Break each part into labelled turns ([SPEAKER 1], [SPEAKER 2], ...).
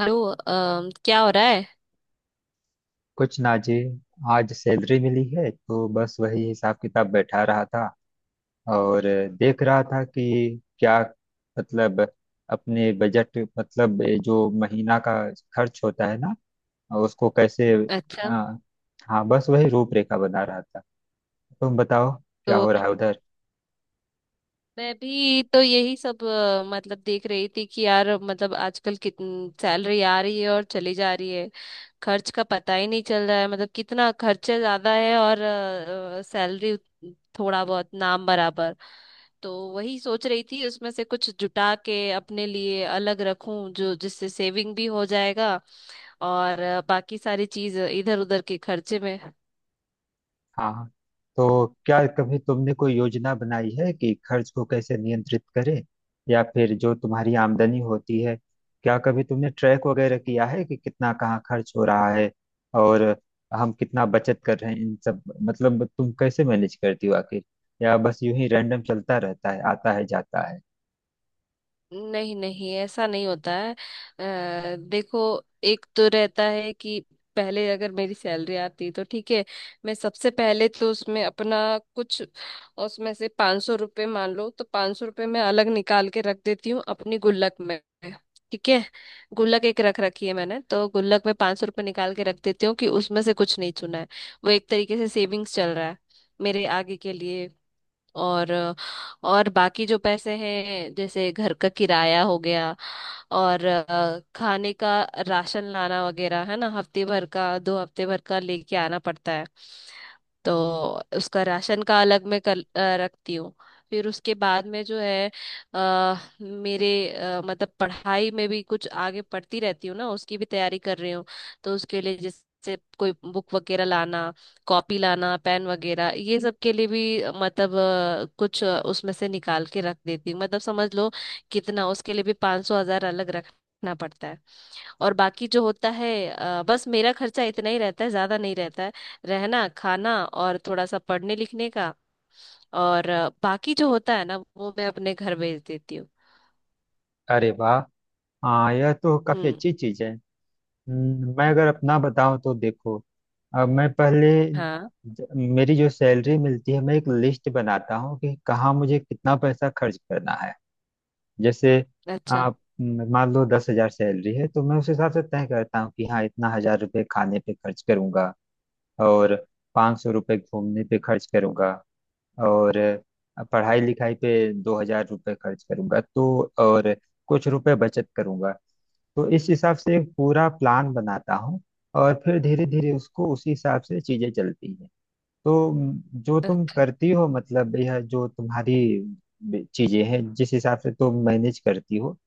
[SPEAKER 1] Hello क्या हो रहा है।
[SPEAKER 2] कुछ ना जी। आज सैलरी मिली है तो बस वही हिसाब किताब बैठा रहा था। और देख रहा था कि क्या मतलब अपने बजट मतलब जो महीना का खर्च होता है ना उसको कैसे
[SPEAKER 1] अच्छा।
[SPEAKER 2] आ, हाँ बस वही रूपरेखा बना रहा था। तुम बताओ क्या
[SPEAKER 1] तो
[SPEAKER 2] हो रहा है उधर।
[SPEAKER 1] मैं भी तो यही सब मतलब देख रही थी कि यार मतलब आजकल कितनी सैलरी आ रही है और चली जा रही है। खर्च का पता ही नहीं चल रहा है, मतलब कितना खर्चा ज्यादा है और सैलरी थोड़ा बहुत नाम बराबर। तो वही सोच रही थी उसमें से कुछ जुटा के अपने लिए अलग रखूं जो जिससे सेविंग भी हो जाएगा। और बाकी सारी चीज इधर उधर के खर्चे में।
[SPEAKER 2] हाँ, तो क्या कभी तुमने कोई योजना बनाई है कि खर्च को कैसे नियंत्रित करें, या फिर जो तुम्हारी आमदनी होती है क्या कभी तुमने ट्रैक वगैरह किया है कि कितना कहाँ खर्च हो रहा है और हम कितना बचत कर रहे हैं इन सब, मतलब तुम कैसे मैनेज करती हो आखिर, या बस यूं ही रैंडम चलता रहता है, आता है जाता है।
[SPEAKER 1] नहीं नहीं, ऐसा नहीं होता है। देखो, एक तो रहता है कि पहले अगर मेरी सैलरी आती तो ठीक है, मैं सबसे पहले तो उसमें अपना कुछ उसमें से 500 रुपये मान लो, तो 500 रुपये मैं अलग निकाल के रख देती हूँ अपनी गुल्लक में। ठीक है। गुल्लक एक रख रखी है मैंने, तो गुल्लक में 500 रुपये निकाल के रख देती हूँ कि उसमें से कुछ नहीं चुना है। वो एक तरीके से सेविंग्स चल रहा है मेरे आगे के लिए। और बाकी जो पैसे हैं जैसे घर का किराया हो गया, और खाने का राशन लाना वगैरह है ना, हफ्ते भर का दो हफ्ते भर का लेके आना पड़ता है। तो उसका राशन का अलग मैं रखती हूँ। फिर उसके बाद में जो है आ, मेरे मतलब पढ़ाई में भी कुछ आगे पढ़ती रहती हूँ ना, उसकी भी तैयारी कर रही हूँ। तो उसके लिए जैसे कोई बुक वगैरह लाना, कॉपी लाना, पेन वगैरह, ये सब के लिए भी मतलब कुछ उसमें से निकाल के रख देती हूँ, मतलब समझ लो कितना। उसके लिए भी 500 हजार अलग रखना पड़ता है। और बाकी जो होता है बस मेरा खर्चा इतना ही रहता है, ज्यादा नहीं रहता है। रहना खाना और थोड़ा सा पढ़ने लिखने का। और बाकी जो होता है ना वो मैं अपने घर भेज देती हूँ।
[SPEAKER 2] अरे वाह, हाँ यह तो काफी
[SPEAKER 1] हम्म।
[SPEAKER 2] अच्छी चीज है। मैं अगर अपना बताऊं तो देखो, अब मैं पहले
[SPEAKER 1] हाँ।
[SPEAKER 2] ज- मेरी जो सैलरी मिलती है मैं एक लिस्ट बनाता हूँ कि कहाँ मुझे कितना पैसा खर्च करना है। जैसे
[SPEAKER 1] अच्छा।
[SPEAKER 2] आप मान लो 10 हजार सैलरी है तो मैं उस हिसाब से तय करता हूँ कि हाँ इतना हजार रुपये खाने पे खर्च करूंगा, और 500 रुपये घूमने पे खर्च करूंगा, और पढ़ाई लिखाई पे 2000 रुपये खर्च करूंगा तो और कुछ रुपए बचत करूंगा। तो इस हिसाब से एक पूरा प्लान बनाता हूँ और फिर धीरे धीरे उसको उसी हिसाब से चीजें चलती है। तो जो तुम
[SPEAKER 1] अच्छा।
[SPEAKER 2] करती हो मतलब यह जो तुम्हारी चीजें हैं जिस हिसाब से तुम मैनेज करती हो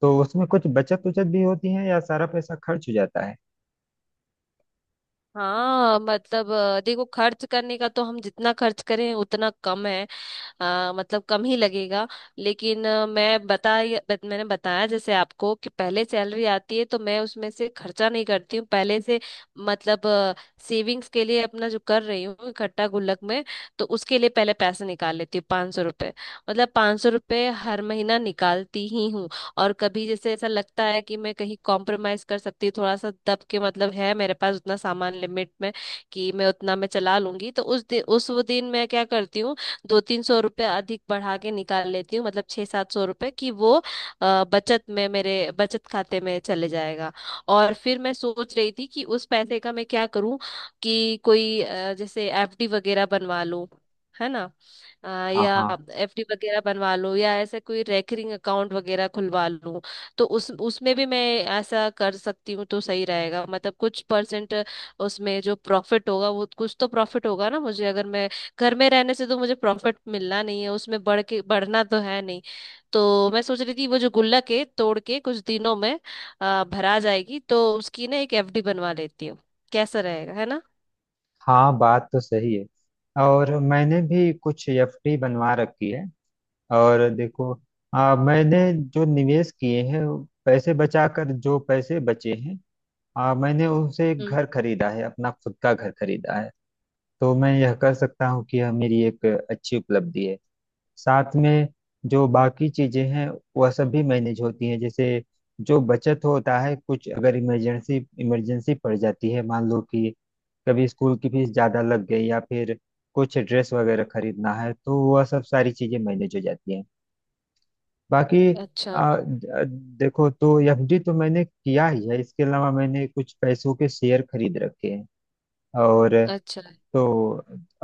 [SPEAKER 2] तो उसमें कुछ बचत उचत भी होती है या सारा पैसा खर्च हो जाता है?
[SPEAKER 1] हाँ मतलब देखो, खर्च करने का तो हम जितना खर्च करें उतना कम है। मतलब कम ही लगेगा। लेकिन मैंने बताया जैसे आपको कि पहले सैलरी आती है तो मैं उसमें से खर्चा नहीं करती हूँ पहले से। मतलब सेविंग्स के लिए अपना जो कर रही हूँ इकट्ठा गुल्लक में, तो उसके लिए पहले पैसे निकाल लेती हूँ, 500 रुपये। मतलब 500 रुपये हर महीना निकालती ही हूँ। और कभी जैसे ऐसा लगता है कि मैं कहीं कॉम्प्रोमाइज कर सकती हूँ थोड़ा सा दब के, मतलब है मेरे पास उतना सामान लिमिट में कि मैं उतना मैं चला लूंगी, तो उस दिन उस वो दिन मैं क्या करती हूँ, 2-300 रुपये अधिक बढ़ा के निकाल लेती हूँ, मतलब 6-700 रुपये, कि वो अ, बचत में मेरे बचत खाते में चले जाएगा। और फिर मैं सोच रही थी कि उस पैसे का मैं क्या करूँ, कि कोई जैसे एफडी वगैरह बनवा लूं, है ना। अ,
[SPEAKER 2] हाँ
[SPEAKER 1] या
[SPEAKER 2] हाँ
[SPEAKER 1] एफडी वगैरह बनवा लूं या ऐसे कोई रेकरिंग अकाउंट वगैरह खुलवा लूं। तो उस उसमें भी मैं ऐसा कर सकती हूँ तो सही रहेगा, मतलब कुछ परसेंट उसमें जो प्रॉफिट होगा वो कुछ तो प्रॉफिट होगा ना मुझे। अगर मैं घर में रहने से तो मुझे प्रॉफिट मिलना नहीं है, उसमें बढ़ के बढ़ना तो है नहीं। तो मैं सोच रही थी वो जो गुल्लक है तोड़ के कुछ दिनों में भरा जाएगी, तो उसकी ना एक एफडी बनवा लेती हूँ। कैसा रहेगा, है ना।
[SPEAKER 2] हाँ बात तो सही है। और मैंने भी कुछ एफडी बनवा रखी है। और देखो, मैंने जो निवेश किए हैं, पैसे बचाकर जो पैसे बचे हैं, मैंने उनसे एक
[SPEAKER 1] हम्म।
[SPEAKER 2] घर खरीदा है, अपना खुद का घर खरीदा है। तो मैं यह कह सकता हूँ कि यह मेरी एक अच्छी उपलब्धि है। साथ में जो बाकी चीजें हैं वह सब भी मैनेज होती हैं। जैसे जो बचत होता है कुछ, अगर इमरजेंसी इमरजेंसी पड़ जाती है, मान लो कि कभी स्कूल की फीस ज्यादा लग गई या फिर कुछ ड्रेस वगैरह खरीदना है, तो वह सब सारी चीजें मैनेज हो जाती हैं। बाकी
[SPEAKER 1] अच्छा।
[SPEAKER 2] आ, द- देखो, तो एफडी तो मैंने किया ही है, इसके अलावा मैंने कुछ पैसों के शेयर खरीद रखे हैं। और
[SPEAKER 1] अच्छा।
[SPEAKER 2] तो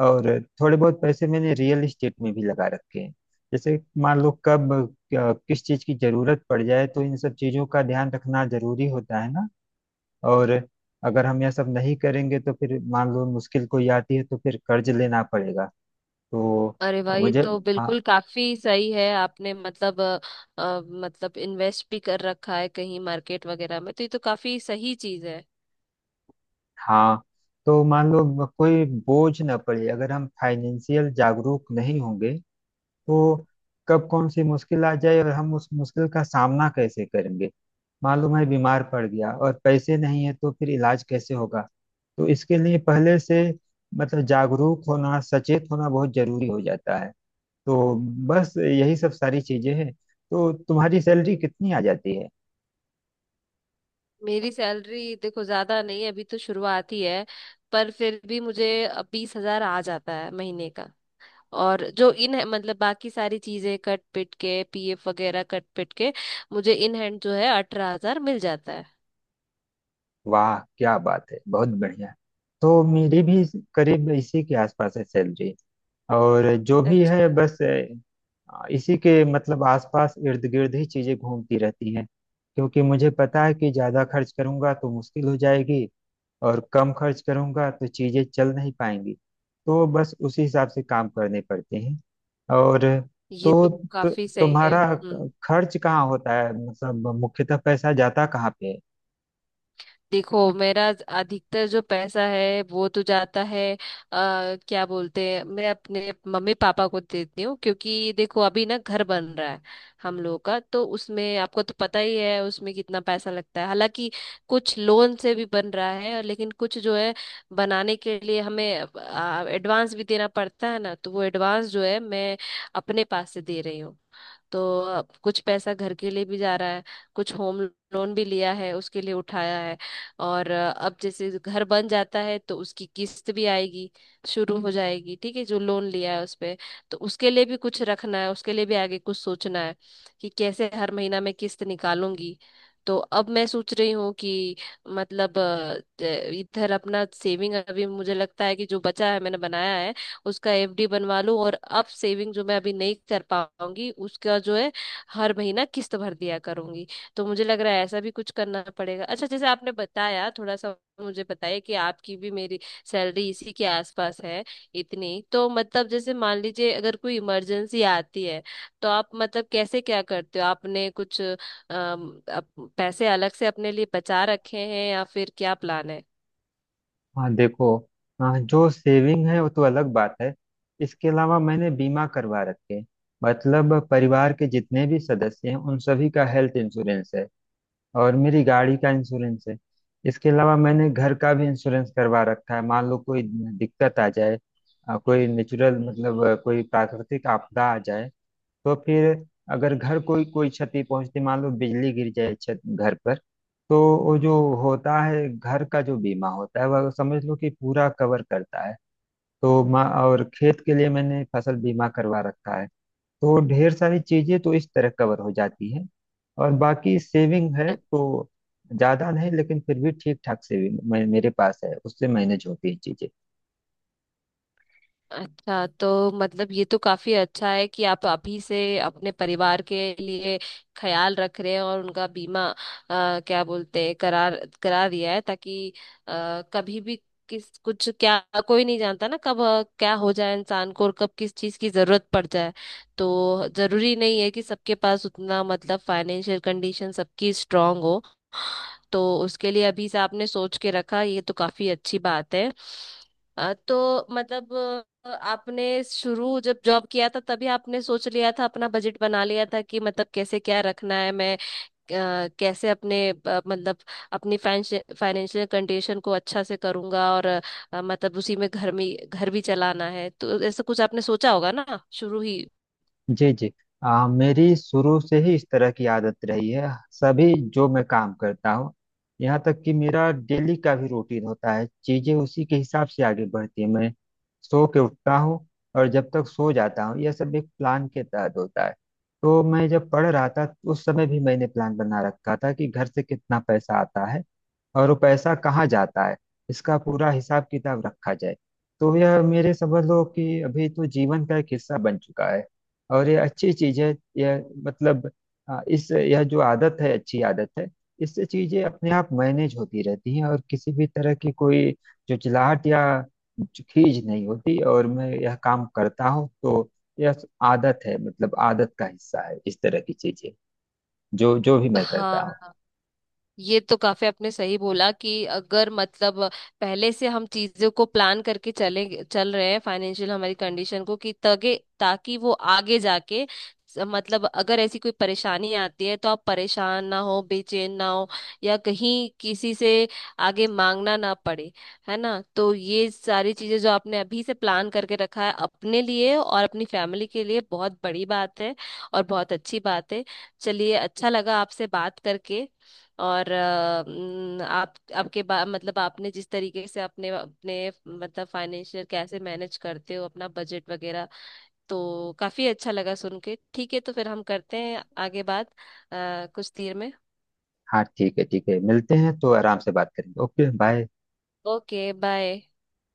[SPEAKER 2] और, थोड़े बहुत पैसे मैंने रियल एस्टेट में भी लगा रखे हैं। जैसे मान लो कब किस चीज की जरूरत पड़ जाए, तो इन सब चीजों का ध्यान रखना जरूरी होता है ना। और अगर हम यह सब नहीं करेंगे तो फिर मान लो मुश्किल कोई आती है तो फिर कर्ज लेना पड़ेगा। तो
[SPEAKER 1] अरे भाई, ये
[SPEAKER 2] मुझे
[SPEAKER 1] तो
[SPEAKER 2] हाँ,
[SPEAKER 1] बिल्कुल काफी सही है आपने, मतलब मतलब इन्वेस्ट भी कर रखा है कहीं मार्केट वगैरह में, तो ये तो काफी सही चीज है।
[SPEAKER 2] हाँ, तो मान लो कोई बोझ ना पड़े, अगर हम फाइनेंशियल जागरूक नहीं होंगे तो कब कौन सी मुश्किल आ जाए, और हम उस मुश्किल का सामना कैसे करेंगे? मान लो मैं बीमार पड़ गया और पैसे नहीं है, तो फिर इलाज कैसे होगा? तो इसके लिए पहले से मतलब जागरूक होना, सचेत होना बहुत जरूरी हो जाता है। तो बस यही सब सारी चीजें हैं। तो तुम्हारी सैलरी कितनी आ जाती है?
[SPEAKER 1] मेरी सैलरी देखो ज्यादा नहीं है, अभी तो शुरुआत ही है, पर फिर भी मुझे 20 हजार आ जाता है महीने का। और जो इन मतलब बाकी सारी चीजें कट पिट के, पीएफ वगैरह कट पिट के, मुझे इन हैंड जो है 18 हजार मिल जाता है।
[SPEAKER 2] वाह क्या बात है, बहुत बढ़िया। तो मेरी भी करीब इसी के आसपास है सैलरी। और जो भी है
[SPEAKER 1] अच्छा।
[SPEAKER 2] बस इसी के मतलब आसपास इर्द गिर्द ही चीजें घूमती रहती हैं। क्योंकि मुझे पता है कि ज्यादा खर्च करूंगा तो मुश्किल हो जाएगी, और कम खर्च करूंगा तो चीजें चल नहीं पाएंगी। तो बस उसी हिसाब से काम करने पड़ते हैं। और
[SPEAKER 1] ये तो
[SPEAKER 2] तो, तो
[SPEAKER 1] काफी सही है।
[SPEAKER 2] तुम्हारा
[SPEAKER 1] हम्म।
[SPEAKER 2] खर्च कहाँ होता है, मतलब मुख्यतः पैसा जाता कहाँ पे है?
[SPEAKER 1] देखो, मेरा अधिकतर जो पैसा है वो तो जाता है क्या बोलते हैं, मैं अपने मम्मी पापा को देती हूँ, क्योंकि देखो अभी ना घर बन रहा है हम लोग का। तो उसमें आपको तो पता ही है उसमें कितना पैसा लगता है। हालांकि कुछ लोन से भी बन रहा है, और लेकिन कुछ जो है बनाने के लिए हमें एडवांस भी देना पड़ता है ना, तो वो एडवांस जो है मैं अपने पास से दे रही हूँ। तो कुछ पैसा घर के लिए भी जा रहा है। कुछ होम लोन भी लिया है, उसके लिए उठाया है। और अब जैसे घर बन जाता है तो उसकी किस्त भी आएगी, शुरू हो जाएगी, ठीक है, जो लोन लिया है उस पे। तो उसके लिए भी कुछ रखना है, उसके लिए भी आगे कुछ सोचना है कि कैसे हर महीना मैं किस्त निकालूंगी। तो अब मैं सोच रही हूँ कि मतलब इधर अपना सेविंग अभी मुझे लगता है कि जो बचा है मैंने बनाया है उसका एफडी बनवा लूं, और अब सेविंग जो मैं अभी नहीं कर पाऊंगी उसका जो है हर महीना किस्त भर दिया करूंगी। तो मुझे लग रहा है ऐसा भी कुछ करना पड़ेगा। अच्छा, जैसे आपने बताया थोड़ा सा मुझे बताइए कि आपकी भी मेरी सैलरी इसी के आसपास है, इतनी तो मतलब। जैसे मान लीजिए अगर कोई इमरजेंसी आती है तो आप मतलब कैसे क्या करते हो, आपने कुछ पैसे अलग से अपने लिए बचा रखे हैं या फिर क्या प्लान है।
[SPEAKER 2] हाँ देखो, हाँ जो सेविंग है वो तो अलग बात है। इसके अलावा मैंने बीमा करवा रखे हैं। मतलब परिवार के जितने भी सदस्य हैं उन सभी का हेल्थ इंश्योरेंस है, और मेरी गाड़ी का इंश्योरेंस है। इसके अलावा मैंने घर का भी इंश्योरेंस करवा रखा है, मान लो कोई दिक्कत आ जाए, कोई नेचुरल कोई प्राकृतिक आपदा आ जाए, तो फिर अगर घर कोई कोई क्षति पहुंचती, मान लो बिजली गिर जाए छत घर पर, तो वो जो होता है घर का जो बीमा होता है वह समझ लो कि पूरा कवर करता है। तो मा और खेत के लिए मैंने फसल बीमा करवा रखा है। तो ढेर सारी चीजें तो इस तरह कवर हो जाती हैं। और बाकी सेविंग है तो ज्यादा नहीं, लेकिन फिर भी ठीक ठाक सेविंग मेरे पास है, उससे मैनेज होती है चीजें।
[SPEAKER 1] अच्छा, तो मतलब ये तो काफी अच्छा है कि आप अभी से अपने परिवार के लिए ख्याल रख रहे हैं और उनका बीमा क्या बोलते हैं, करा दिया है, ताकि कभी भी किस कुछ क्या कोई नहीं जानता ना कब क्या हो जाए इंसान को, और कब किस चीज की जरूरत पड़ जाए। तो जरूरी नहीं है कि सबके पास उतना मतलब फाइनेंशियल कंडीशन सबकी स्ट्रांग हो। तो उसके लिए अभी से आपने सोच के रखा, ये तो काफी अच्छी बात है। तो मतलब आपने शुरू जब जॉब किया था तभी आपने सोच लिया था, अपना बजट बना लिया था कि मतलब कैसे क्या रखना है, मैं कैसे अपने मतलब अपनी फाइनेंशियल कंडीशन को अच्छा से करूंगा, और मतलब उसी में घर भी चलाना है, तो ऐसा कुछ आपने सोचा होगा ना शुरू ही।
[SPEAKER 2] जी जी, मेरी शुरू से ही इस तरह की आदत रही है। सभी जो मैं काम करता हूँ, यहाँ तक कि मेरा डेली का भी रूटीन होता है, चीजें उसी के हिसाब से आगे बढ़ती है। मैं सो के उठता हूँ और जब तक सो जाता हूँ यह सब एक प्लान के तहत होता है। तो मैं जब पढ़ रहा था उस समय भी मैंने प्लान बना रखा था कि घर से कितना पैसा आता है और वो पैसा कहाँ जाता है, इसका पूरा हिसाब किताब रखा जाए। तो यह मेरे समझ लो कि अभी तो जीवन का एक हिस्सा बन चुका है। और ये अच्छी चीज है, यह मतलब, हाँ, इस यह जो आदत है अच्छी आदत है। इससे चीजें अपने आप मैनेज होती रहती हैं और किसी भी तरह की कोई चुचलाहट या खीज नहीं होती। और मैं यह काम करता हूँ, तो यह आदत है, मतलब आदत का हिस्सा है इस तरह की चीजें, जो जो भी मैं करता हूँ।
[SPEAKER 1] हाँ, ये तो काफी आपने सही बोला कि अगर मतलब पहले से हम चीजों को प्लान करके चले चल रहे हैं फाइनेंशियल हमारी कंडीशन को कि तगे, ताकि वो आगे जाके मतलब अगर ऐसी कोई परेशानी आती है तो आप परेशान ना हो, बेचैन ना हो, या कहीं किसी से आगे मांगना ना पड़े, है ना। तो ये सारी चीजें जो आपने अभी से प्लान करके रखा है अपने लिए और अपनी फैमिली के लिए, बहुत बड़ी बात है और बहुत अच्छी बात है। चलिए, अच्छा लगा आपसे बात करके। और अ, न, मतलब आपने जिस तरीके से अपने अपने मतलब फाइनेंशियल कैसे मैनेज करते हो, अपना बजट वगैरह, तो काफी अच्छा लगा सुन के। ठीक है, तो फिर हम करते हैं आगे बात कुछ देर में।
[SPEAKER 2] हाँ ठीक है, ठीक है, मिलते हैं तो आराम से बात करेंगे। Okay bye.
[SPEAKER 1] Okay bye.